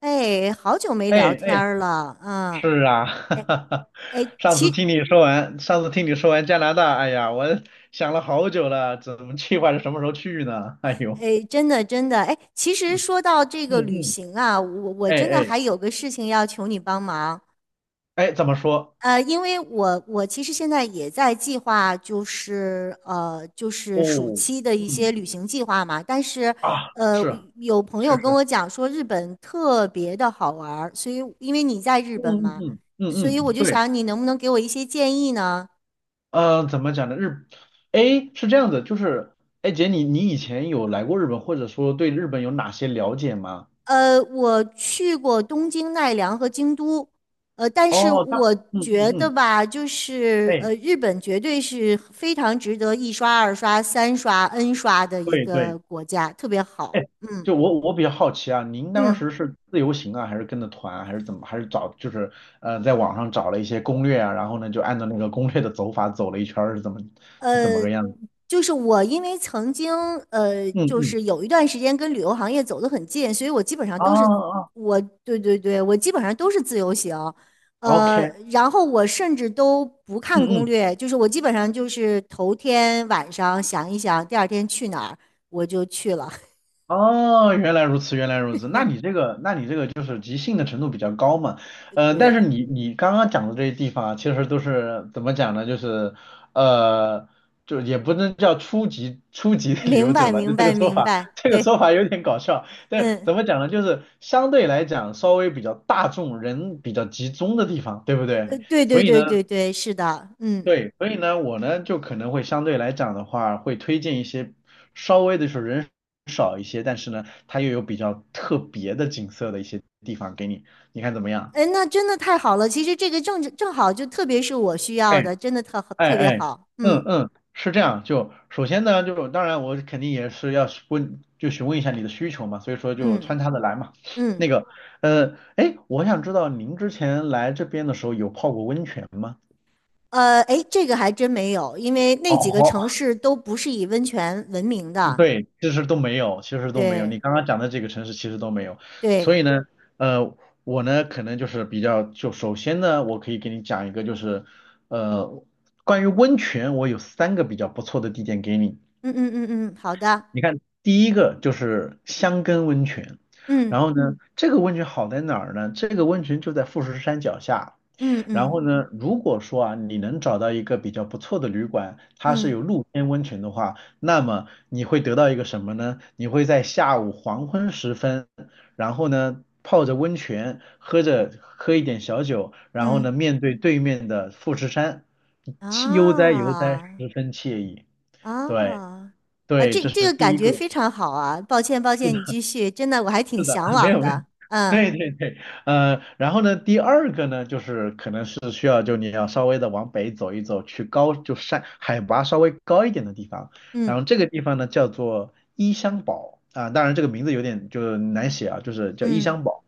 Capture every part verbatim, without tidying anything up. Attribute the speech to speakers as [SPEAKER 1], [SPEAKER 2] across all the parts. [SPEAKER 1] 哎，好久没
[SPEAKER 2] 哎
[SPEAKER 1] 聊天
[SPEAKER 2] 哎，
[SPEAKER 1] 儿了，嗯。
[SPEAKER 2] 是啊，哈哈哈，
[SPEAKER 1] 哎，
[SPEAKER 2] 上次
[SPEAKER 1] 其，
[SPEAKER 2] 听你说完，上次听你说完加拿大，哎呀，我想了好久了，怎么计划着什么时候去呢？哎呦，
[SPEAKER 1] 哎，真的真的，哎，其实说到这
[SPEAKER 2] 嗯
[SPEAKER 1] 个旅
[SPEAKER 2] 嗯，
[SPEAKER 1] 行啊，我我
[SPEAKER 2] 哎
[SPEAKER 1] 真的
[SPEAKER 2] 哎
[SPEAKER 1] 还有个事情要求你帮忙。
[SPEAKER 2] 哎，怎么说？
[SPEAKER 1] 呃，因为我我其实现在也在计划，就是呃，就是暑
[SPEAKER 2] 哦，
[SPEAKER 1] 期的一些
[SPEAKER 2] 嗯
[SPEAKER 1] 旅行计划嘛，但是
[SPEAKER 2] 啊，
[SPEAKER 1] 呃，
[SPEAKER 2] 是啊，
[SPEAKER 1] 有朋
[SPEAKER 2] 确
[SPEAKER 1] 友跟
[SPEAKER 2] 实，
[SPEAKER 1] 我讲说日本特别的好玩儿，所以因为你在日
[SPEAKER 2] 嗯
[SPEAKER 1] 本
[SPEAKER 2] 嗯
[SPEAKER 1] 嘛，
[SPEAKER 2] 嗯嗯
[SPEAKER 1] 所以
[SPEAKER 2] 嗯，
[SPEAKER 1] 我就
[SPEAKER 2] 对，
[SPEAKER 1] 想你能不能给我一些建议呢？
[SPEAKER 2] 呃，怎么讲呢？日，哎，是这样子，就是，哎姐，你你以前有来过日本，或者说对日本有哪些了解吗？
[SPEAKER 1] 呃，我去过东京、奈良和京都。呃，但是
[SPEAKER 2] 哦，那，
[SPEAKER 1] 我
[SPEAKER 2] 嗯嗯
[SPEAKER 1] 觉得
[SPEAKER 2] 嗯，
[SPEAKER 1] 吧，就是
[SPEAKER 2] 哎，
[SPEAKER 1] 呃，日本绝对是非常值得一刷、二刷、三刷、N 刷的一
[SPEAKER 2] 对对。
[SPEAKER 1] 个国家，特别 好。
[SPEAKER 2] 哎，
[SPEAKER 1] 嗯
[SPEAKER 2] 就我我比较好奇啊，您当
[SPEAKER 1] 嗯。
[SPEAKER 2] 时是自由行啊，还是跟着团啊还是怎么，还是找就是呃在网上找了一些攻略啊，然后呢就按照那个攻略的走法走了一圈儿，是怎么是怎么
[SPEAKER 1] 呃，
[SPEAKER 2] 个样子？
[SPEAKER 1] 就是我，因为曾经呃，
[SPEAKER 2] 嗯
[SPEAKER 1] 就
[SPEAKER 2] 嗯，
[SPEAKER 1] 是有一段时间跟旅游行业走得很近，所以我基本上
[SPEAKER 2] 啊
[SPEAKER 1] 都是
[SPEAKER 2] 啊
[SPEAKER 1] 我，对对对，我基本上都是自由行。呃，
[SPEAKER 2] ，OK，
[SPEAKER 1] 然后我甚至都不
[SPEAKER 2] 嗯
[SPEAKER 1] 看攻
[SPEAKER 2] 嗯
[SPEAKER 1] 略，就是我基本上就是头天晚上想一想，第二天去哪儿我就去了。
[SPEAKER 2] 哦，原来如此，原来如此。那你这个，那你这个就是即兴的程度比较高嘛？呃，但是
[SPEAKER 1] 对，
[SPEAKER 2] 你你刚刚讲的这些地方啊，其实都是怎么讲呢？就是呃，就也不能叫初级初级的旅
[SPEAKER 1] 明
[SPEAKER 2] 游
[SPEAKER 1] 白
[SPEAKER 2] 者吧，就
[SPEAKER 1] 明
[SPEAKER 2] 这个
[SPEAKER 1] 白
[SPEAKER 2] 说
[SPEAKER 1] 明
[SPEAKER 2] 法，
[SPEAKER 1] 白，
[SPEAKER 2] 这个说
[SPEAKER 1] 对，
[SPEAKER 2] 法有点搞笑。但是
[SPEAKER 1] 嗯，
[SPEAKER 2] 怎么讲呢？就是相对来讲稍微比较大众、人比较集中的地方，对不
[SPEAKER 1] 对
[SPEAKER 2] 对？
[SPEAKER 1] 对
[SPEAKER 2] 所以呢，
[SPEAKER 1] 对对对，是的，嗯。
[SPEAKER 2] 对，所以呢，我呢就可能会相对来讲的话，会推荐一些稍微的是人少一些，但是呢，它又有比较特别的景色的一些地方给你，你看怎么样？
[SPEAKER 1] 哎，那真的太好了！其实这个正正好，就特别是我需要
[SPEAKER 2] 哎
[SPEAKER 1] 的，真的特
[SPEAKER 2] 哎
[SPEAKER 1] 特别
[SPEAKER 2] 哎，
[SPEAKER 1] 好。
[SPEAKER 2] 嗯
[SPEAKER 1] 嗯，
[SPEAKER 2] 嗯，是这样。就首先呢，就是当然我肯定也是要是问，就询问一下你的需求嘛，所以说就穿
[SPEAKER 1] 嗯
[SPEAKER 2] 插的来嘛。那
[SPEAKER 1] 嗯。
[SPEAKER 2] 个，呃，哎，我想知道您之前来这边的时候有泡过温泉吗？
[SPEAKER 1] 呃，哎，这个还真没有，因为那几个城
[SPEAKER 2] 哦
[SPEAKER 1] 市都不是以温泉闻名
[SPEAKER 2] 嗯
[SPEAKER 1] 的。
[SPEAKER 2] 对，其实都没有，其实都没有。你
[SPEAKER 1] 对
[SPEAKER 2] 刚刚讲的这个城市其实都没有，所以
[SPEAKER 1] 对，
[SPEAKER 2] 呢，呃，我呢可能就是比较，就首先呢，我可以给你讲一个，就是呃，关于温泉，我有三个比较不错的地点给你。
[SPEAKER 1] 嗯嗯嗯嗯，好的，
[SPEAKER 2] 你看，第一个就是香根温泉，
[SPEAKER 1] 嗯
[SPEAKER 2] 然后呢，嗯这个温泉好在哪儿呢？这个温泉就在富士山脚下。
[SPEAKER 1] 嗯
[SPEAKER 2] 然
[SPEAKER 1] 嗯
[SPEAKER 2] 后呢，如果说啊，你能找到一个比较不错的旅馆，它是
[SPEAKER 1] 嗯
[SPEAKER 2] 有露天温泉的话，那么你会得到一个什么呢？你会在下午黄昏时分，然后呢，泡着温泉，喝着喝一点小酒，然后呢，
[SPEAKER 1] 嗯，
[SPEAKER 2] 面对对面的富士山，气悠哉悠哉，
[SPEAKER 1] 啊
[SPEAKER 2] 十分惬意。对
[SPEAKER 1] 啊啊，
[SPEAKER 2] 对，
[SPEAKER 1] 这
[SPEAKER 2] 这
[SPEAKER 1] 这
[SPEAKER 2] 是
[SPEAKER 1] 个
[SPEAKER 2] 第
[SPEAKER 1] 感
[SPEAKER 2] 一
[SPEAKER 1] 觉
[SPEAKER 2] 个。
[SPEAKER 1] 非常好啊！抱歉抱歉，你继续，真的我还挺
[SPEAKER 2] 是的，
[SPEAKER 1] 向
[SPEAKER 2] 没
[SPEAKER 1] 往
[SPEAKER 2] 有没有，
[SPEAKER 1] 的。嗯
[SPEAKER 2] 对对对，呃，然后呢，第二个呢，就是可能是需要就你要稍微的往北走一走，去高就山海拔稍微高一点的地方，然
[SPEAKER 1] 嗯
[SPEAKER 2] 后这个地方呢叫做伊香堡啊，当然这个名字有点就是难写啊，就是叫伊
[SPEAKER 1] 嗯
[SPEAKER 2] 香堡，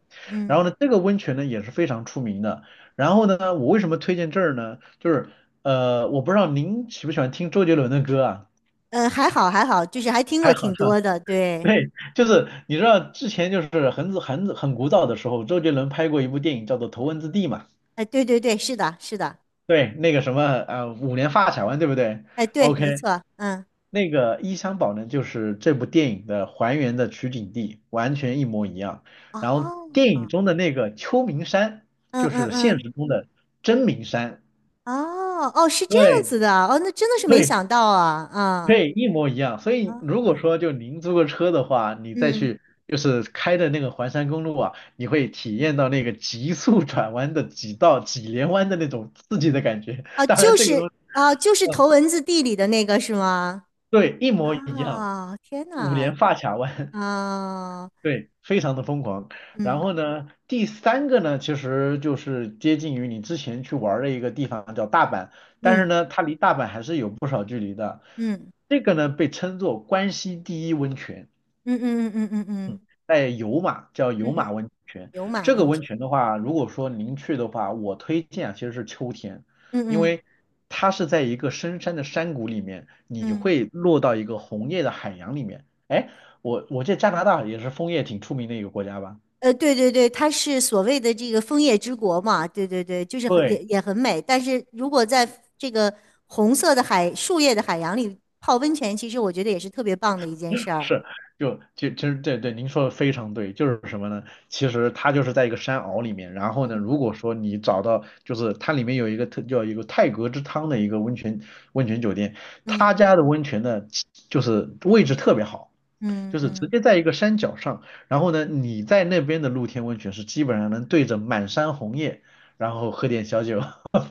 [SPEAKER 2] 然后
[SPEAKER 1] 嗯。
[SPEAKER 2] 呢，这个温泉呢也是非常出名的。然后呢，我为什么推荐这儿呢？就是呃，我不知道您喜不喜欢听周杰伦的歌啊，
[SPEAKER 1] 呃，还好还好，就是还听过
[SPEAKER 2] 还好，
[SPEAKER 1] 挺多的。对。
[SPEAKER 2] 对，就是你知道之前就是很很很古早的时候，周杰伦拍过一部电影叫做《头文字 D》嘛，
[SPEAKER 1] 哎，对对对，是的是的。
[SPEAKER 2] 对，那个什么呃五连发卡弯对不对
[SPEAKER 1] 哎，对，没
[SPEAKER 2] ？OK，
[SPEAKER 1] 错，嗯。
[SPEAKER 2] 那个伊香保呢就是这部电影的还原的取景地，完全一模一样。然后
[SPEAKER 1] 哦，
[SPEAKER 2] 电影中的那个秋名山
[SPEAKER 1] 嗯
[SPEAKER 2] 就
[SPEAKER 1] 嗯
[SPEAKER 2] 是现
[SPEAKER 1] 嗯，
[SPEAKER 2] 实中的真名山，
[SPEAKER 1] 哦哦，是这样
[SPEAKER 2] 对
[SPEAKER 1] 子的。哦，那真的是没
[SPEAKER 2] 对
[SPEAKER 1] 想到啊，啊
[SPEAKER 2] 对，一模一样。所以如果
[SPEAKER 1] 啊，
[SPEAKER 2] 说就您租个车的话，你再
[SPEAKER 1] 嗯。
[SPEAKER 2] 去就是开的那个环山公路啊，你会体验到那个急速 转弯的几道几连弯的那种刺激的感觉。
[SPEAKER 1] 哦，
[SPEAKER 2] 当然
[SPEAKER 1] 就
[SPEAKER 2] 这个
[SPEAKER 1] 是
[SPEAKER 2] 东西，
[SPEAKER 1] 啊，就是头文字地里的那个是吗？
[SPEAKER 2] 对，一模一样，
[SPEAKER 1] 啊，天
[SPEAKER 2] 五
[SPEAKER 1] 哪，
[SPEAKER 2] 连发卡弯，
[SPEAKER 1] 啊，
[SPEAKER 2] 对，非常的疯狂。然
[SPEAKER 1] 嗯
[SPEAKER 2] 后呢，第三个呢，其实就是接近于你之前去玩儿的一个地方叫大阪，但是
[SPEAKER 1] 嗯
[SPEAKER 2] 呢，它离大阪还是有不少距离的。
[SPEAKER 1] 嗯
[SPEAKER 2] 这个呢，被称作关西第一温泉。
[SPEAKER 1] 嗯嗯嗯嗯嗯
[SPEAKER 2] 嗯，
[SPEAKER 1] 嗯
[SPEAKER 2] 在有马叫
[SPEAKER 1] 嗯，
[SPEAKER 2] 有
[SPEAKER 1] 嗯
[SPEAKER 2] 马温泉，
[SPEAKER 1] 牛马
[SPEAKER 2] 这个
[SPEAKER 1] 温
[SPEAKER 2] 温
[SPEAKER 1] 泉，
[SPEAKER 2] 泉的话，如果说您去的话，我推荐啊其实是秋天，
[SPEAKER 1] 嗯
[SPEAKER 2] 因
[SPEAKER 1] 嗯
[SPEAKER 2] 为它是在一个深山的山谷里面，你
[SPEAKER 1] 嗯。
[SPEAKER 2] 会落到一个红叶的海洋里面。哎，我我记得加拿大也是枫叶挺出名的一个国家吧？
[SPEAKER 1] 呃，对对对，它是所谓的这个枫叶之国嘛，对对对，就是很
[SPEAKER 2] 对，
[SPEAKER 1] 也也很美。但是如果在这个红色的海、树叶的海洋里泡温泉，其实我觉得也是特别棒的一件事儿。
[SPEAKER 2] 是，就就其实对对，您说的非常对，就是什么呢？其实它就是在一个山坳里面，然后呢，
[SPEAKER 1] 嗯
[SPEAKER 2] 如果说你找到，就是它里面有一个特叫一个泰戈之汤的一个温泉温泉酒店，他
[SPEAKER 1] 嗯
[SPEAKER 2] 家的温泉呢，就是位置特别好，
[SPEAKER 1] 嗯，
[SPEAKER 2] 就是直
[SPEAKER 1] 嗯，
[SPEAKER 2] 接在一个山脚上，然后呢，你在那边的露天温泉是基本上能对着满山红叶，然后喝点小酒，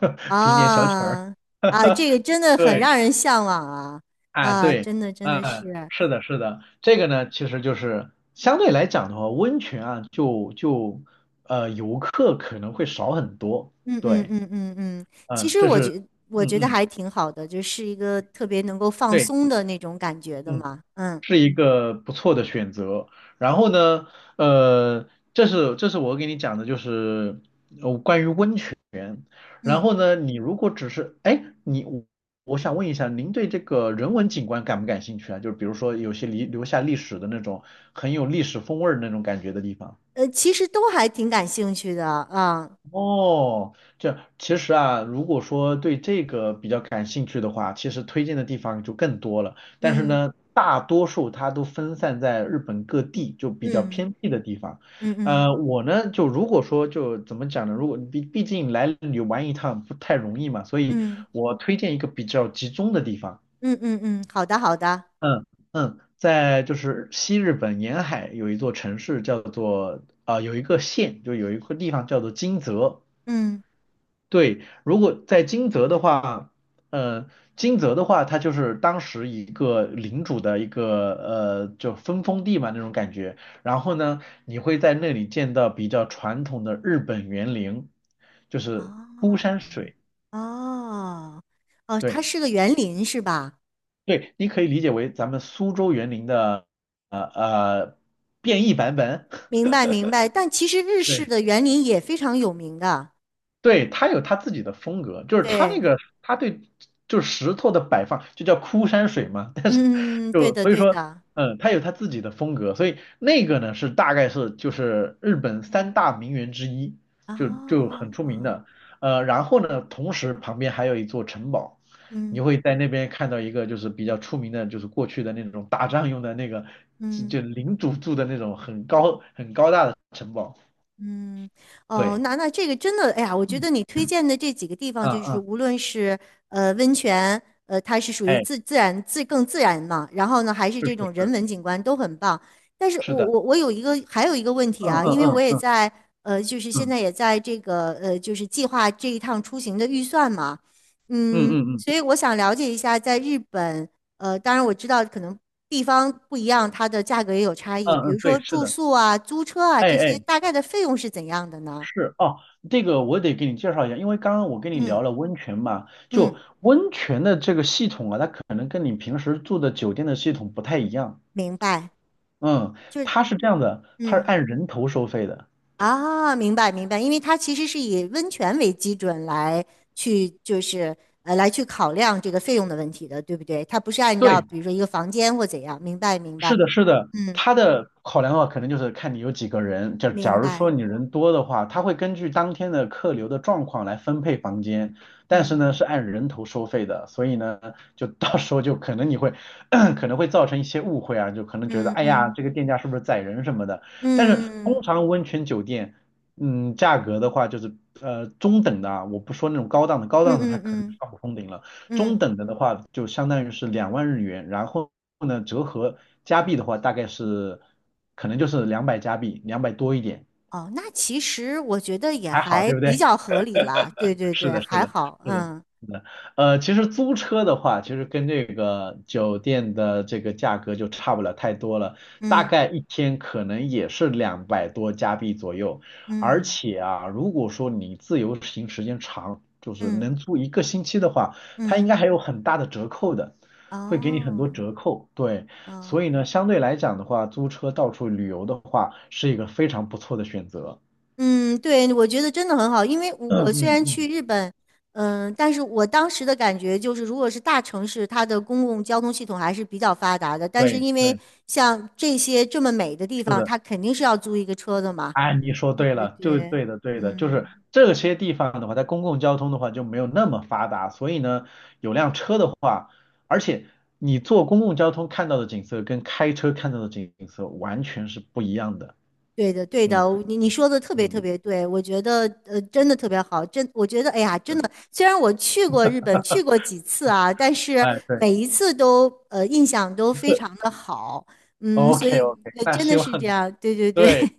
[SPEAKER 2] 听点小曲儿，
[SPEAKER 1] 啊啊，这个真的很
[SPEAKER 2] 对。
[SPEAKER 1] 让人向往啊
[SPEAKER 2] 啊，
[SPEAKER 1] 啊，
[SPEAKER 2] 对，
[SPEAKER 1] 真的真的
[SPEAKER 2] 嗯，
[SPEAKER 1] 是。
[SPEAKER 2] 是的，是的，这个呢，其实就是相对来讲的话，温泉啊，就就呃，游客可能会少很多。
[SPEAKER 1] 嗯嗯
[SPEAKER 2] 对，
[SPEAKER 1] 嗯嗯嗯，其
[SPEAKER 2] 嗯，
[SPEAKER 1] 实
[SPEAKER 2] 这
[SPEAKER 1] 我
[SPEAKER 2] 是，
[SPEAKER 1] 觉我
[SPEAKER 2] 嗯
[SPEAKER 1] 觉得
[SPEAKER 2] 嗯，
[SPEAKER 1] 还挺好的，就是一个特别能够放
[SPEAKER 2] 对，
[SPEAKER 1] 松的那种感觉的
[SPEAKER 2] 嗯，
[SPEAKER 1] 嘛，嗯
[SPEAKER 2] 是一个不错的选择。然后呢，呃，这是这是我给你讲的，就是，然
[SPEAKER 1] 嗯。
[SPEAKER 2] 后呢，你如果只是，哎，你我我想问一下，您对这个人文景观感不感兴趣啊？就是比如说有些历留下历史的那种很有历史风味儿的那种感觉的地方。
[SPEAKER 1] 呃，其实都还挺感兴趣的啊。
[SPEAKER 2] 哦，这其实啊，如果说对这个比较感兴趣的话，其实推荐的地方就更多了。但是
[SPEAKER 1] 嗯
[SPEAKER 2] 呢，大多数它都分散在日本各地，就比较
[SPEAKER 1] 嗯
[SPEAKER 2] 偏僻的地方。
[SPEAKER 1] 嗯嗯
[SPEAKER 2] 呃，我呢，就如果说就怎么讲呢？如果毕毕竟来旅玩一趟不太容易嘛，所以
[SPEAKER 1] 嗯
[SPEAKER 2] 我推荐一个比较集中的地方。
[SPEAKER 1] 嗯嗯嗯，好的好的，
[SPEAKER 2] 嗯嗯，在就是西日本沿海有一座城市叫做啊、有一个县，就有一个地方叫做金泽。
[SPEAKER 1] 嗯，
[SPEAKER 2] 对，如果在金泽的话，呃，金泽的话，它就是当时一个领主的一个呃，就分封地嘛那种感觉。然后呢，你会在那里见到比较传统的日本园林，就是枯
[SPEAKER 1] 哦
[SPEAKER 2] 山水。
[SPEAKER 1] 哦哦，
[SPEAKER 2] 对
[SPEAKER 1] 它是个园林是吧？
[SPEAKER 2] 对，你可以理解为咱们苏州园林的呃呃变异版本。
[SPEAKER 1] 明白明白，但其实日式
[SPEAKER 2] 对。
[SPEAKER 1] 的园林也非常有名的。
[SPEAKER 2] 对，他有他自己的风格，就是他那
[SPEAKER 1] 对，
[SPEAKER 2] 个他对就是石头的摆放，就叫枯山水嘛。但是
[SPEAKER 1] 嗯，嗯嗯，对
[SPEAKER 2] 就
[SPEAKER 1] 的
[SPEAKER 2] 所以
[SPEAKER 1] 对
[SPEAKER 2] 说，
[SPEAKER 1] 的，
[SPEAKER 2] 嗯，他有他自己的风格，所以那个呢是大概是就是日本三大名园之一，就就
[SPEAKER 1] 哦，
[SPEAKER 2] 很出名的。呃，然后呢，同时旁边还有一座城堡，你
[SPEAKER 1] 嗯
[SPEAKER 2] 会在那边看到一个就是比较出名的，就是过去的那种打仗用的那个就
[SPEAKER 1] 嗯。
[SPEAKER 2] 就领主住的那种很高很高大的城堡。
[SPEAKER 1] 嗯，哦，
[SPEAKER 2] 对，
[SPEAKER 1] 那那这个真的，哎呀，我觉
[SPEAKER 2] 嗯
[SPEAKER 1] 得你推荐的这几个地方，
[SPEAKER 2] 嗯
[SPEAKER 1] 就是
[SPEAKER 2] 嗯，
[SPEAKER 1] 无论是呃温泉，呃，它是属于
[SPEAKER 2] 哎
[SPEAKER 1] 自自然自更自然嘛，然后呢，还是这种
[SPEAKER 2] 是。
[SPEAKER 1] 人文景观都很棒。但是
[SPEAKER 2] 是
[SPEAKER 1] 我
[SPEAKER 2] 的，
[SPEAKER 1] 我我有一个还有一个问题
[SPEAKER 2] 嗯
[SPEAKER 1] 啊，
[SPEAKER 2] 嗯
[SPEAKER 1] 因为我
[SPEAKER 2] 嗯
[SPEAKER 1] 也
[SPEAKER 2] 嗯
[SPEAKER 1] 在呃，就是现在
[SPEAKER 2] 嗯
[SPEAKER 1] 也在这个呃，就是计划这一趟出行的预算嘛。
[SPEAKER 2] 嗯
[SPEAKER 1] 嗯，
[SPEAKER 2] 嗯嗯
[SPEAKER 1] 所以我想了解一下，在日本呃，当然我知道可能地方不一样，它的价格也有差异。比
[SPEAKER 2] 嗯，嗯
[SPEAKER 1] 如说
[SPEAKER 2] 对，是
[SPEAKER 1] 住
[SPEAKER 2] 的，
[SPEAKER 1] 宿啊、租车啊
[SPEAKER 2] 哎
[SPEAKER 1] 这些，
[SPEAKER 2] 哎，
[SPEAKER 1] 大概的费用是怎样的呢？
[SPEAKER 2] 是哦，这个我得给你介绍一下，因为刚刚我跟你
[SPEAKER 1] 嗯
[SPEAKER 2] 聊了温泉嘛，就
[SPEAKER 1] 嗯，
[SPEAKER 2] 温泉的这个系统啊，它可能跟你平时住的酒店的系统不太一样，
[SPEAKER 1] 明白，
[SPEAKER 2] 嗯，
[SPEAKER 1] 就是
[SPEAKER 2] 它是这样的，它是
[SPEAKER 1] 嗯
[SPEAKER 2] 按人头收费的，
[SPEAKER 1] 啊，明白明白，因为它其实是以温泉为基准来去就是呃来去考量这个费用的问题的，对不对？它不是按照
[SPEAKER 2] 对。
[SPEAKER 1] 比如说一个房间或怎样，明白明
[SPEAKER 2] 是
[SPEAKER 1] 白，
[SPEAKER 2] 的，是的，
[SPEAKER 1] 嗯，
[SPEAKER 2] 他的考量的话，可能就是看你有几个人。假假
[SPEAKER 1] 明
[SPEAKER 2] 如
[SPEAKER 1] 白，
[SPEAKER 2] 说你人多的话，他会根据当天的客流的状况来分配房间，但是呢
[SPEAKER 1] 嗯
[SPEAKER 2] 是按人头收费的，所以呢就到时候就可能你会 可能会造成一些误会啊，就可能觉得
[SPEAKER 1] 嗯
[SPEAKER 2] 哎呀
[SPEAKER 1] 嗯
[SPEAKER 2] 这个店家是不是宰人什么的。但是
[SPEAKER 1] 嗯
[SPEAKER 2] 通
[SPEAKER 1] 嗯
[SPEAKER 2] 常温泉酒店，嗯，价格的话就是呃中等的啊，我不说那种高档的，高
[SPEAKER 1] 嗯
[SPEAKER 2] 档的它
[SPEAKER 1] 嗯
[SPEAKER 2] 可能
[SPEAKER 1] 嗯
[SPEAKER 2] 上不封顶了。
[SPEAKER 1] 嗯。
[SPEAKER 2] 中
[SPEAKER 1] 嗯
[SPEAKER 2] 等的的话就相当于是两万日元，然后呢折合加币的话大概是可能就是两百加币，两百多一点，
[SPEAKER 1] 哦，那其实我觉得也
[SPEAKER 2] 还好，
[SPEAKER 1] 还
[SPEAKER 2] 对不
[SPEAKER 1] 比
[SPEAKER 2] 对？
[SPEAKER 1] 较合理了，对对
[SPEAKER 2] 是
[SPEAKER 1] 对，
[SPEAKER 2] 的，是
[SPEAKER 1] 还
[SPEAKER 2] 的，
[SPEAKER 1] 好。
[SPEAKER 2] 是的，
[SPEAKER 1] 嗯
[SPEAKER 2] 是的。呃，其实租车的话，其实跟这个酒店的这个价格就差不了太多了，大
[SPEAKER 1] 嗯
[SPEAKER 2] 概一天可能也是两百多加币左右。而
[SPEAKER 1] 嗯
[SPEAKER 2] 且啊，如果说你自由行时间长，就是
[SPEAKER 1] 嗯
[SPEAKER 2] 能租一个星期的话，它应
[SPEAKER 1] 嗯，
[SPEAKER 2] 该还有很大的折扣的，会给你很多
[SPEAKER 1] 哦，
[SPEAKER 2] 折扣。对，所以
[SPEAKER 1] 嗯
[SPEAKER 2] 呢，相对来讲的话，租车到处旅游的话，是一个非常不错的选择。
[SPEAKER 1] 嗯。对，我觉得真的很好，因为我
[SPEAKER 2] 嗯
[SPEAKER 1] 我虽
[SPEAKER 2] 嗯
[SPEAKER 1] 然去
[SPEAKER 2] 嗯，
[SPEAKER 1] 日本，嗯，但是我当时的感觉就是，如果是大城市，它的公共交通系统还是比较发达的，但是
[SPEAKER 2] 对
[SPEAKER 1] 因为
[SPEAKER 2] 对，
[SPEAKER 1] 像这些这么美的地
[SPEAKER 2] 是
[SPEAKER 1] 方，
[SPEAKER 2] 的。
[SPEAKER 1] 它肯定是要租一个车的嘛。
[SPEAKER 2] 哎，你说
[SPEAKER 1] 对
[SPEAKER 2] 对
[SPEAKER 1] 对
[SPEAKER 2] 了，就
[SPEAKER 1] 对，
[SPEAKER 2] 对的，对的，就是
[SPEAKER 1] 嗯。
[SPEAKER 2] 这些地方的话，在公共交通的话就没有那么发达，所以呢，有辆车的话，而且你坐公共交通看到的景色跟开车看到的景色完全是不一样的。
[SPEAKER 1] 对的，对的，
[SPEAKER 2] 嗯
[SPEAKER 1] 你你说的特别
[SPEAKER 2] 嗯，
[SPEAKER 1] 特别对。我觉得呃，真的特别好，真我觉得哎呀，真的，虽然我去过日本，去过几次啊，但是
[SPEAKER 2] 哎，对
[SPEAKER 1] 每一次都呃印象都非常的好，嗯，所
[SPEAKER 2] ，OK
[SPEAKER 1] 以
[SPEAKER 2] OK，
[SPEAKER 1] 呃
[SPEAKER 2] 那
[SPEAKER 1] 真
[SPEAKER 2] 希
[SPEAKER 1] 的
[SPEAKER 2] 望
[SPEAKER 1] 是这样。对对对。
[SPEAKER 2] 对，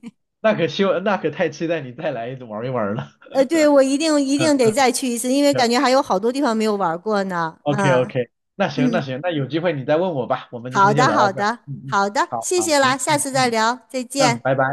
[SPEAKER 2] 那可希望那可太期待你再来玩一玩了。
[SPEAKER 1] 呃，对，我一定 一
[SPEAKER 2] 嗯
[SPEAKER 1] 定得
[SPEAKER 2] 嗯，
[SPEAKER 1] 再去一次，因为
[SPEAKER 2] 行
[SPEAKER 1] 感觉还有好多地方没有玩过呢。
[SPEAKER 2] ，OK
[SPEAKER 1] 嗯
[SPEAKER 2] OK，那行那
[SPEAKER 1] 嗯，
[SPEAKER 2] 行，那有机会你再问我吧，我们今
[SPEAKER 1] 好
[SPEAKER 2] 天就
[SPEAKER 1] 的
[SPEAKER 2] 聊到
[SPEAKER 1] 好
[SPEAKER 2] 这儿。
[SPEAKER 1] 的
[SPEAKER 2] 嗯嗯，
[SPEAKER 1] 好的，
[SPEAKER 2] 好
[SPEAKER 1] 谢
[SPEAKER 2] 好，
[SPEAKER 1] 谢啦，
[SPEAKER 2] 行，
[SPEAKER 1] 下
[SPEAKER 2] 嗯
[SPEAKER 1] 次再
[SPEAKER 2] 嗯
[SPEAKER 1] 聊，再
[SPEAKER 2] 嗯，
[SPEAKER 1] 见。
[SPEAKER 2] 拜拜。